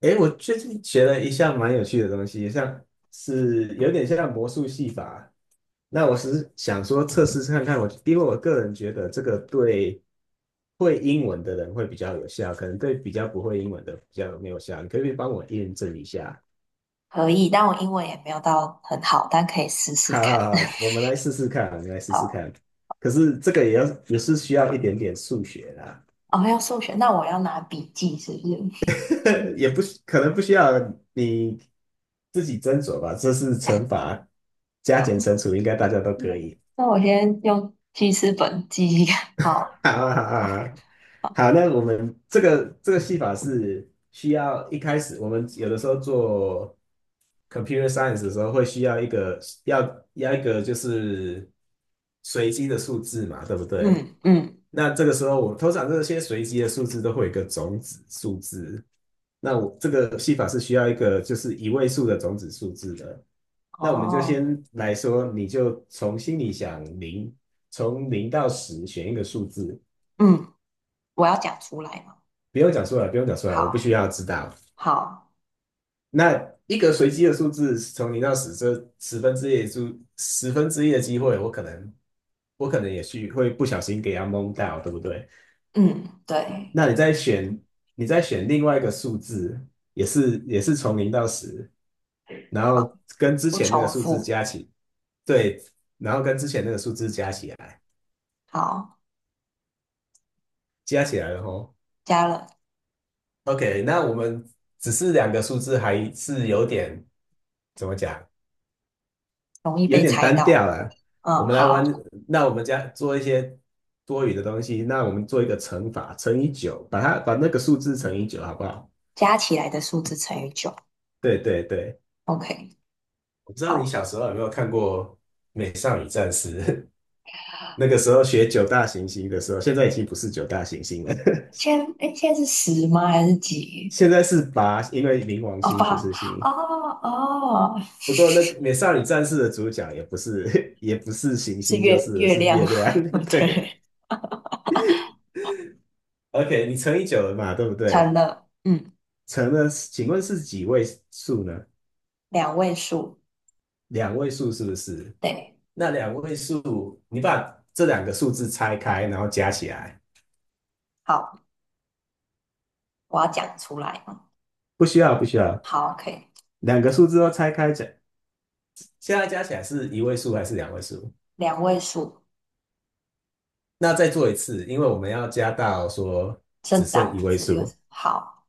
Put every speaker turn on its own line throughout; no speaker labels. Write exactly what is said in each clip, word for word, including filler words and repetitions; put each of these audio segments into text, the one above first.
诶，我最近学了一项蛮有趣的东西，像是有点像魔术戏法。那我是想说测试看看我，因为我个人觉得这个对会英文的人会比较有效，可能对比较不会英文的比较没有效。你可不可以帮我验证一下？
可以，但我英文也没有到很好，但可以试 试
好好
看。
好，我们来试试看，我们来试试
好，
看。可是这个也要也是需要一点点数学啦。
哦，要数学，那我要拿笔记，是不是？
也不可能不需要你自己斟酌吧，这是乘法加减
那
乘除，应该大家都
那
可以。
那我先用记事本记一下。好，
好啊，好
哦
啊，
好，
好，那我们这个这个戏法是需要一开始，我们有的时候做 computer science 的时候会需要一个要要一个就是随机的数字嘛，对不对？
嗯嗯，
那这个时候我通常这些随机的数字都会有一个种子数字，那我这个戏法是需要一个就是一位数的种子数字的。那我们就
哦，
先来说，你就从心里想零，从零到十选一个数字。
嗯，我要讲出来嘛。
不用讲出来，不用讲出来，我不需
好，
要知道。
好，
那一个随机的数字从零到十，这十分之一的数，十分之一的机会，我可能，我可能也去会不小心给它蒙到，对不对？
嗯，对，
那你再选，你再选另外一个数字，也是也是从零到十，然
好，
后跟之
不
前那个
重
数字
复，
加起，对，然后跟之前那个数字加起来，
好，
加起来了吼。
加了，
OK,那我们只是两个数字还是有点怎么讲？
容易
有
被
点
猜
单调
到。
了。我
嗯，
们来玩，
好，
那我们家做一些多余的东西，那我们做一个乘法，乘以九，把它把那个数字乘以九，好不好？
加起来的数字乘以九。
对对对，
OK，
我不知道你
好，
小时候有没有看过《美少女战士》，那个时候学九大行星的时候，现在已经不是九大行星了，
现在哎，诶现在是十吗？还是 几？
现在是八，因为冥王
哦，
星
八
不是星。
哦哦，
不过那个《美少女战士》的主角也不是 也不是行
是
星，就
月
是了
月
是
亮，
月亮。对
对，
，OK,你乘以九了嘛，对不
成
对？
了，嗯，
成了，请问是几位数呢？
两位数，
两位数是不是？
对，
那两位数，你把这两个数字拆开，然后加起来，
好，我要讲出来嗯，
不需要，不需要，
好，可以，
两个数字都拆开加，现在加起来是一位数还是两位数？
两位数，
那再做一次，因为我们要加到说
正
只剩
当
一
的
位
字又
数
是好，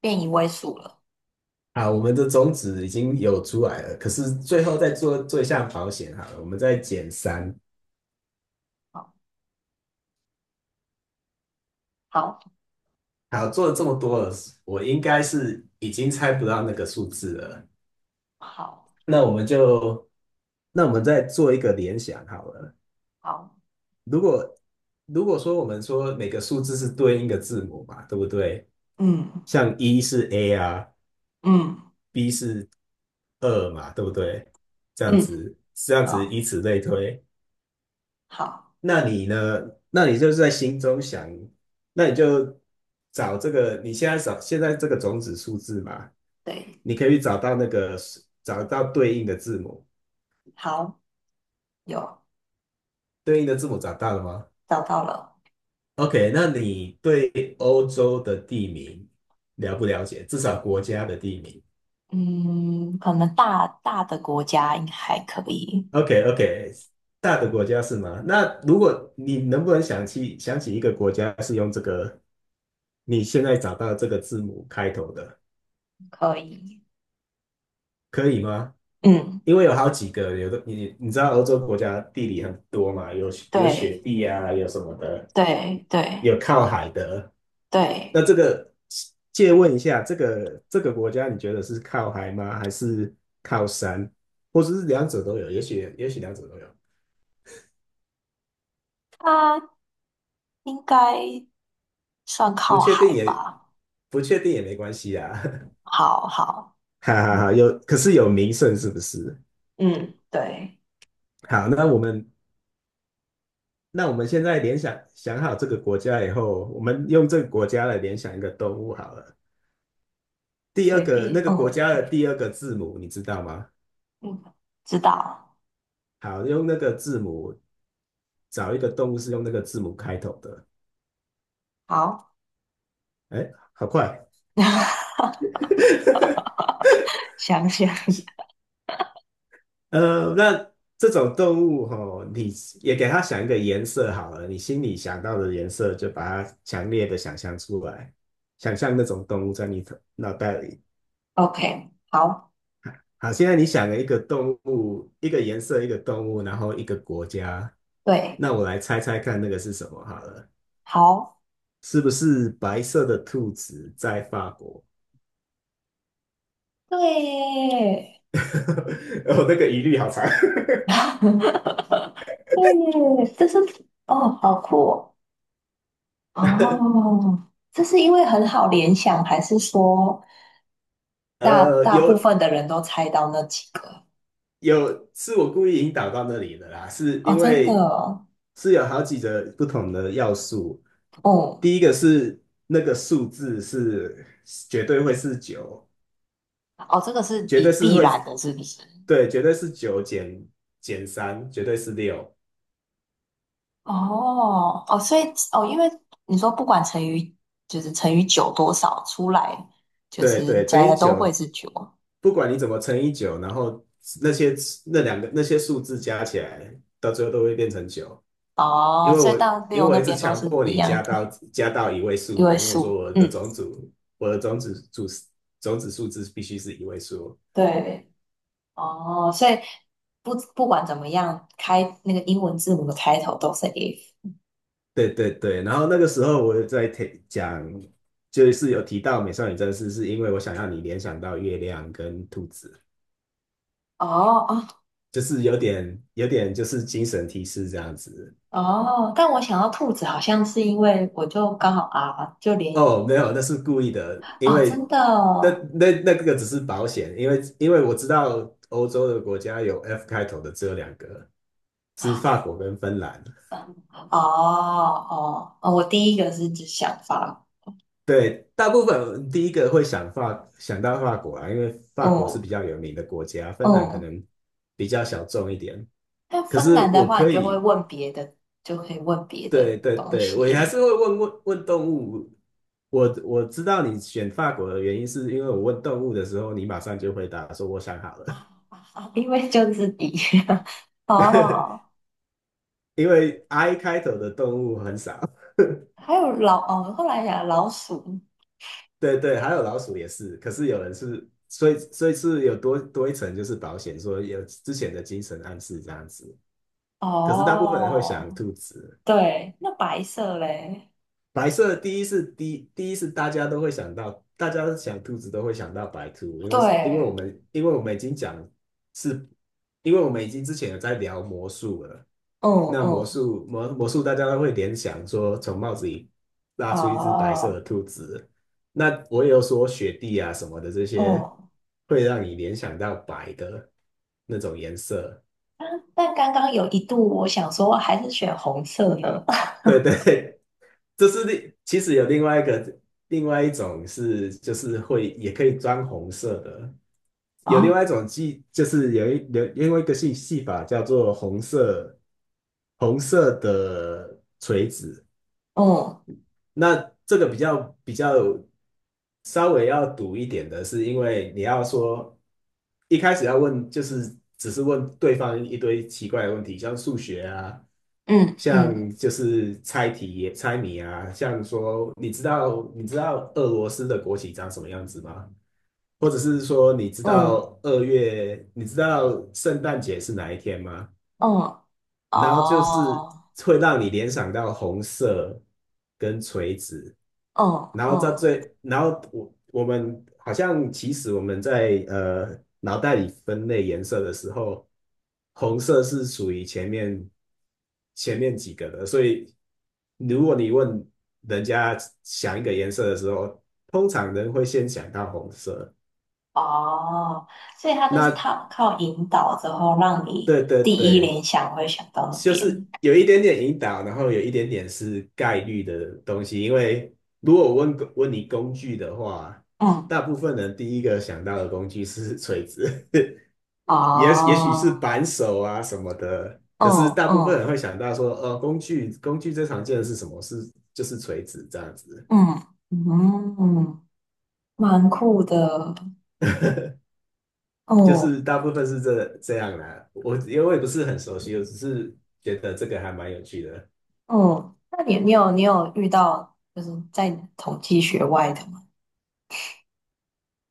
变一位数了，
啊，我们的种子已经有出来了，可是最后再做做一下保险好了，我们再减三。
好，好，
好，做了这么多了，我应该是已经猜不到那个数字了。
好，
那我们就，那我们再做一个联想好了。
好，
如果如果说我们说每个数字是对应的字母嘛，对不对？
嗯
像一是 A 啊
嗯
，B 是二嘛，对不对？这样
嗯，
子，这样子以
好，
此类推。
好，
那你呢？那你就是在心中想，那你就找这个，你现在找现在这个种子数字嘛，
对，
你可以找到那个找到对应的字母，
好，有
对应的字母找到了吗？
找到了，
OK,那你对欧洲的地名了不了解？至少国家的地名。
嗯，可能大大的国家应该还可以。
OK，OK，大的国家是吗？那如果你能不能想起想起一个国家是用这个你现在找到这个字母开头的，
可以。
可以吗？
嗯，
因为有好几个，有的你你知道欧洲国家地理很多嘛，有有雪
对
地啊，有什么的，
对对
有靠海的。
对，
那这个借问一下，这个这个国家你觉得是靠海吗？还是靠山？或者是两者都有？也许也许两者都有，
它应该算
不
靠
确
海
定也
吧？
不确定也没关系啊。
好好，
哈哈哈，
嗯，
有，可是有名胜是不是？
嗯，对，
好，那我们那我们现在联想想好这个国家以后，我们用这个国家来联想一个动物好了。第二
随
个
便，
那个国
嗯
家的第二个字母你知道吗？
嗯，知道，
好，用那个字母找一个动物是用那个字母开头的。
好，
哎，好快。
想想，
呃，那这种动物吼，你也给它想一个颜色好了，你心里想到的颜色就把它强烈的想象出来，想象那种动物在你头脑袋里
OK，好，
好，现在你想了一个动物，一个颜色，一个动物，然后一个国家，
对，
那我来猜猜看那个是什么好了，
好，
是不是白色的兔子在法国？
对
哦，那个疑虑好长。
对耶，这是哦，好酷哦。哦，这是因为很好联想，还是说大
呃，
大部
有
分的人都猜到那几个？
有，是我故意引导到那里的啦，是
哦，
因
真的
为
哦，
是有好几个不同的要素。
哦，
第一个是那个数字是绝对会是九，
哦，这个是
绝对
以
是
必
会，
然的，是不是？
对，绝对是九减减三，绝对是六，
哦，哦，所以哦，因为你说不管乘以就是乘以九多少出来，就
对
是
对，乘
加一
以
加都会
九，
是九。
不管你怎么乘以九，然后那些那两个那些数字加起来，到最后都会变成九，因
哦，
为
所以
我
到
因为
六
我
那
一直
边都
强
是
迫
一
你
样
加
的
到加到一位数
一位
嘛，因为我说
数。
我
嗯，
的种子我的种子组种子数字必须是一位数，
对。哦，所以不不管怎么样，开那个英文字母的开头都是 if。
对对对，然后那个时候我在提讲。就是有提到美少女战士，是因为我想要你联想到月亮跟兔子。
哦哦
就是有点有点就是精神提示这样子。
哦，但我想到兔子好像是因为我就刚好 R 就连
哦，没有，那是故意的，因
哦，真
为
的
那
哦，
那那个只是保险，因为因为我知道欧洲的国家有 F 开头的只有两个，是法国跟芬兰。
嗯哦哦哦，我第一个是指想法，
对，大部分第一个会想法想到法国啊，因为法国是
哦
比较有名的国家，芬兰可
哦，
能比较小众一点。
那
可
芬
是
兰的
我
话，你
可
就会
以，
问别的，就可以问别的
对对
东
对，我也还是
西，
会问问问动物我我知道你选法国的原因，是因为我问动物的时候，你马上就回答说我想好了，
啊啊啊！因为就是底 哦，
因为 I 开头的动物很少。
还有老哦，后来讲老鼠
对对，还有老鼠也是，可是有人是，所以所以是有多多一层就是保险，说有之前的精神暗示这样子。可是大部分人会想
哦，
兔子，
对，那白色嘞，
白色第一是第第一是大家都会想到，大家想兔子都会想到白兔，因为是因为我
对，
们因为我们已经讲是，因为我们已经之前有在聊魔术了。
嗯
那魔
嗯，
术魔魔术，大家都会联想说从帽子里拉出一只白色
哦
的兔子。那我也有说雪地啊什么的这些，
哦，
会让你联想到白的那种颜色。
但刚刚有一度我想说还是选红色呢，
对 对，这是另其实有另外一个另外一种是就是会也可以装红色的，有另
哦，
外一种技就是有一有另外一个戏戏法叫做红色红色的锤子。
嗯。
那这个比较比较稍微要赌一点的是，因为你要说一开始要问，就是只是问对方一堆奇怪的问题，像数学啊，
嗯
像
嗯
就是猜题、猜谜啊，像说你知道你知道俄罗斯的国旗长什么样子吗？或者是说你知
嗯，
道二月，你知道圣诞节是哪一天吗？
嗯，
然后就是
哦，
会让你联想到红色跟锤子。
嗯
然后在
嗯
最，然后我我们好像其实我们在呃脑袋里分类颜色的时候，红色是属于前面前面几个的，所以如果你问人家想一个颜色的时候，通常人会先想到红色。
哦，所以他都是
那
靠靠引导之后，让你
对对
第一
对，
联想会想到那
就是
边。
有一点点引导，然后有一点点是概率的东西。因为如果我问工问你工具的话，
嗯，
大部分人第一个想到的工具是锤子，也也许是
哦，
扳手啊什么的。
嗯
可是大部分人
嗯
会想到说，呃，工具工具最常见的是什么？是就是锤子这样子，
嗯嗯，蛮酷的。
就
哦
是大部分是这这样啦。我因为我也不是很熟悉，我只是觉得这个还蛮有趣的。
哦，那你你有你有遇到就是在统计学外的吗？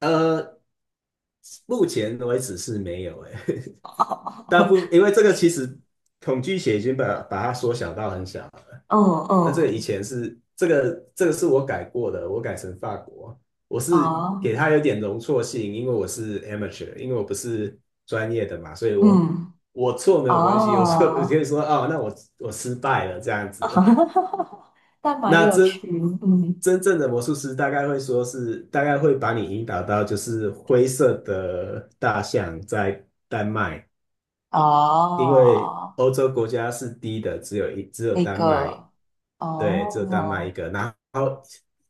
呃，目前为止是没有诶、大部分因为这个其实恐惧写已经把把它缩小到很小了。
哦
那这个以
哦，
前是这个这个是我改过的，我改成法国，我是给
哦
它有点容错性，因为我是 amateur,因为我不是专业的嘛，所以我
嗯
我错没有关系，我错我可
哦。
以说哦，那我我失败了这样子。
但蛮
那
有
真
趣，嗯，
真正的魔术师大概会说是大概会把你引导到就是灰色的大象在丹麦。因为
哦，
欧洲国家是低的，只有一只有
那
丹麦，
个，
对，只有丹麦一
哦，
个。然后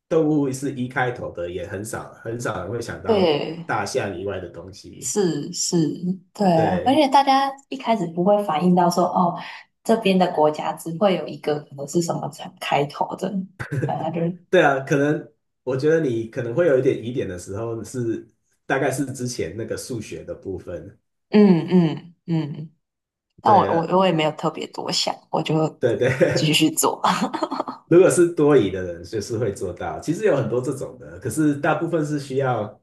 动物是一开头的，也很少很少人会想到
对，
大象以外的东西。
是是，对啊，而
对
且大家一开始不会反应到说，哦，这边的国家只会有一个可能是什么才开头的，反正就是
对啊，可能我觉得你可能会有一点疑点的时候是，大概是之前那个数学的部分。
嗯嗯嗯，但我
对啊
我我也没有特别多想，我就
对对，
继 续做。
如果是多疑的人，就是会做到。其实有很多这种的，可是大部分是需要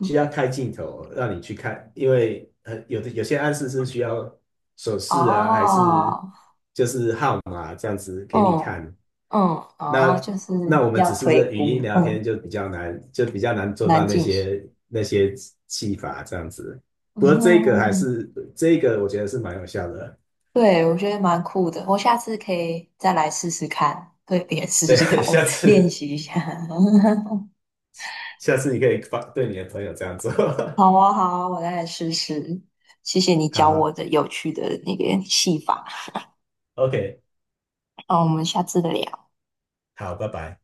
需要开镜头让你去看，因为很有的有些暗示是需要手势啊，还是
哦，
就是号码啊这样子给你
嗯
看。
嗯，哦，
那
就是
那我们
要
只是这
推
语音
估，
聊天
嗯，
就比较难，就比较难做到
难
那
进行。
些那些技法这样子。不过这个还
嗯，
是这个，我觉得是蛮有效的。
对，我觉得蛮酷的，我下次可以再来试试看，对别人试试
对，
看，我
下
练
次
习一下。
下次你可以发对你的朋友这样做。
好啊，好啊，我再来试试。谢谢你 教我
好。
的有趣的那个戏法，
OK,
那我们下次再聊。
好，拜拜。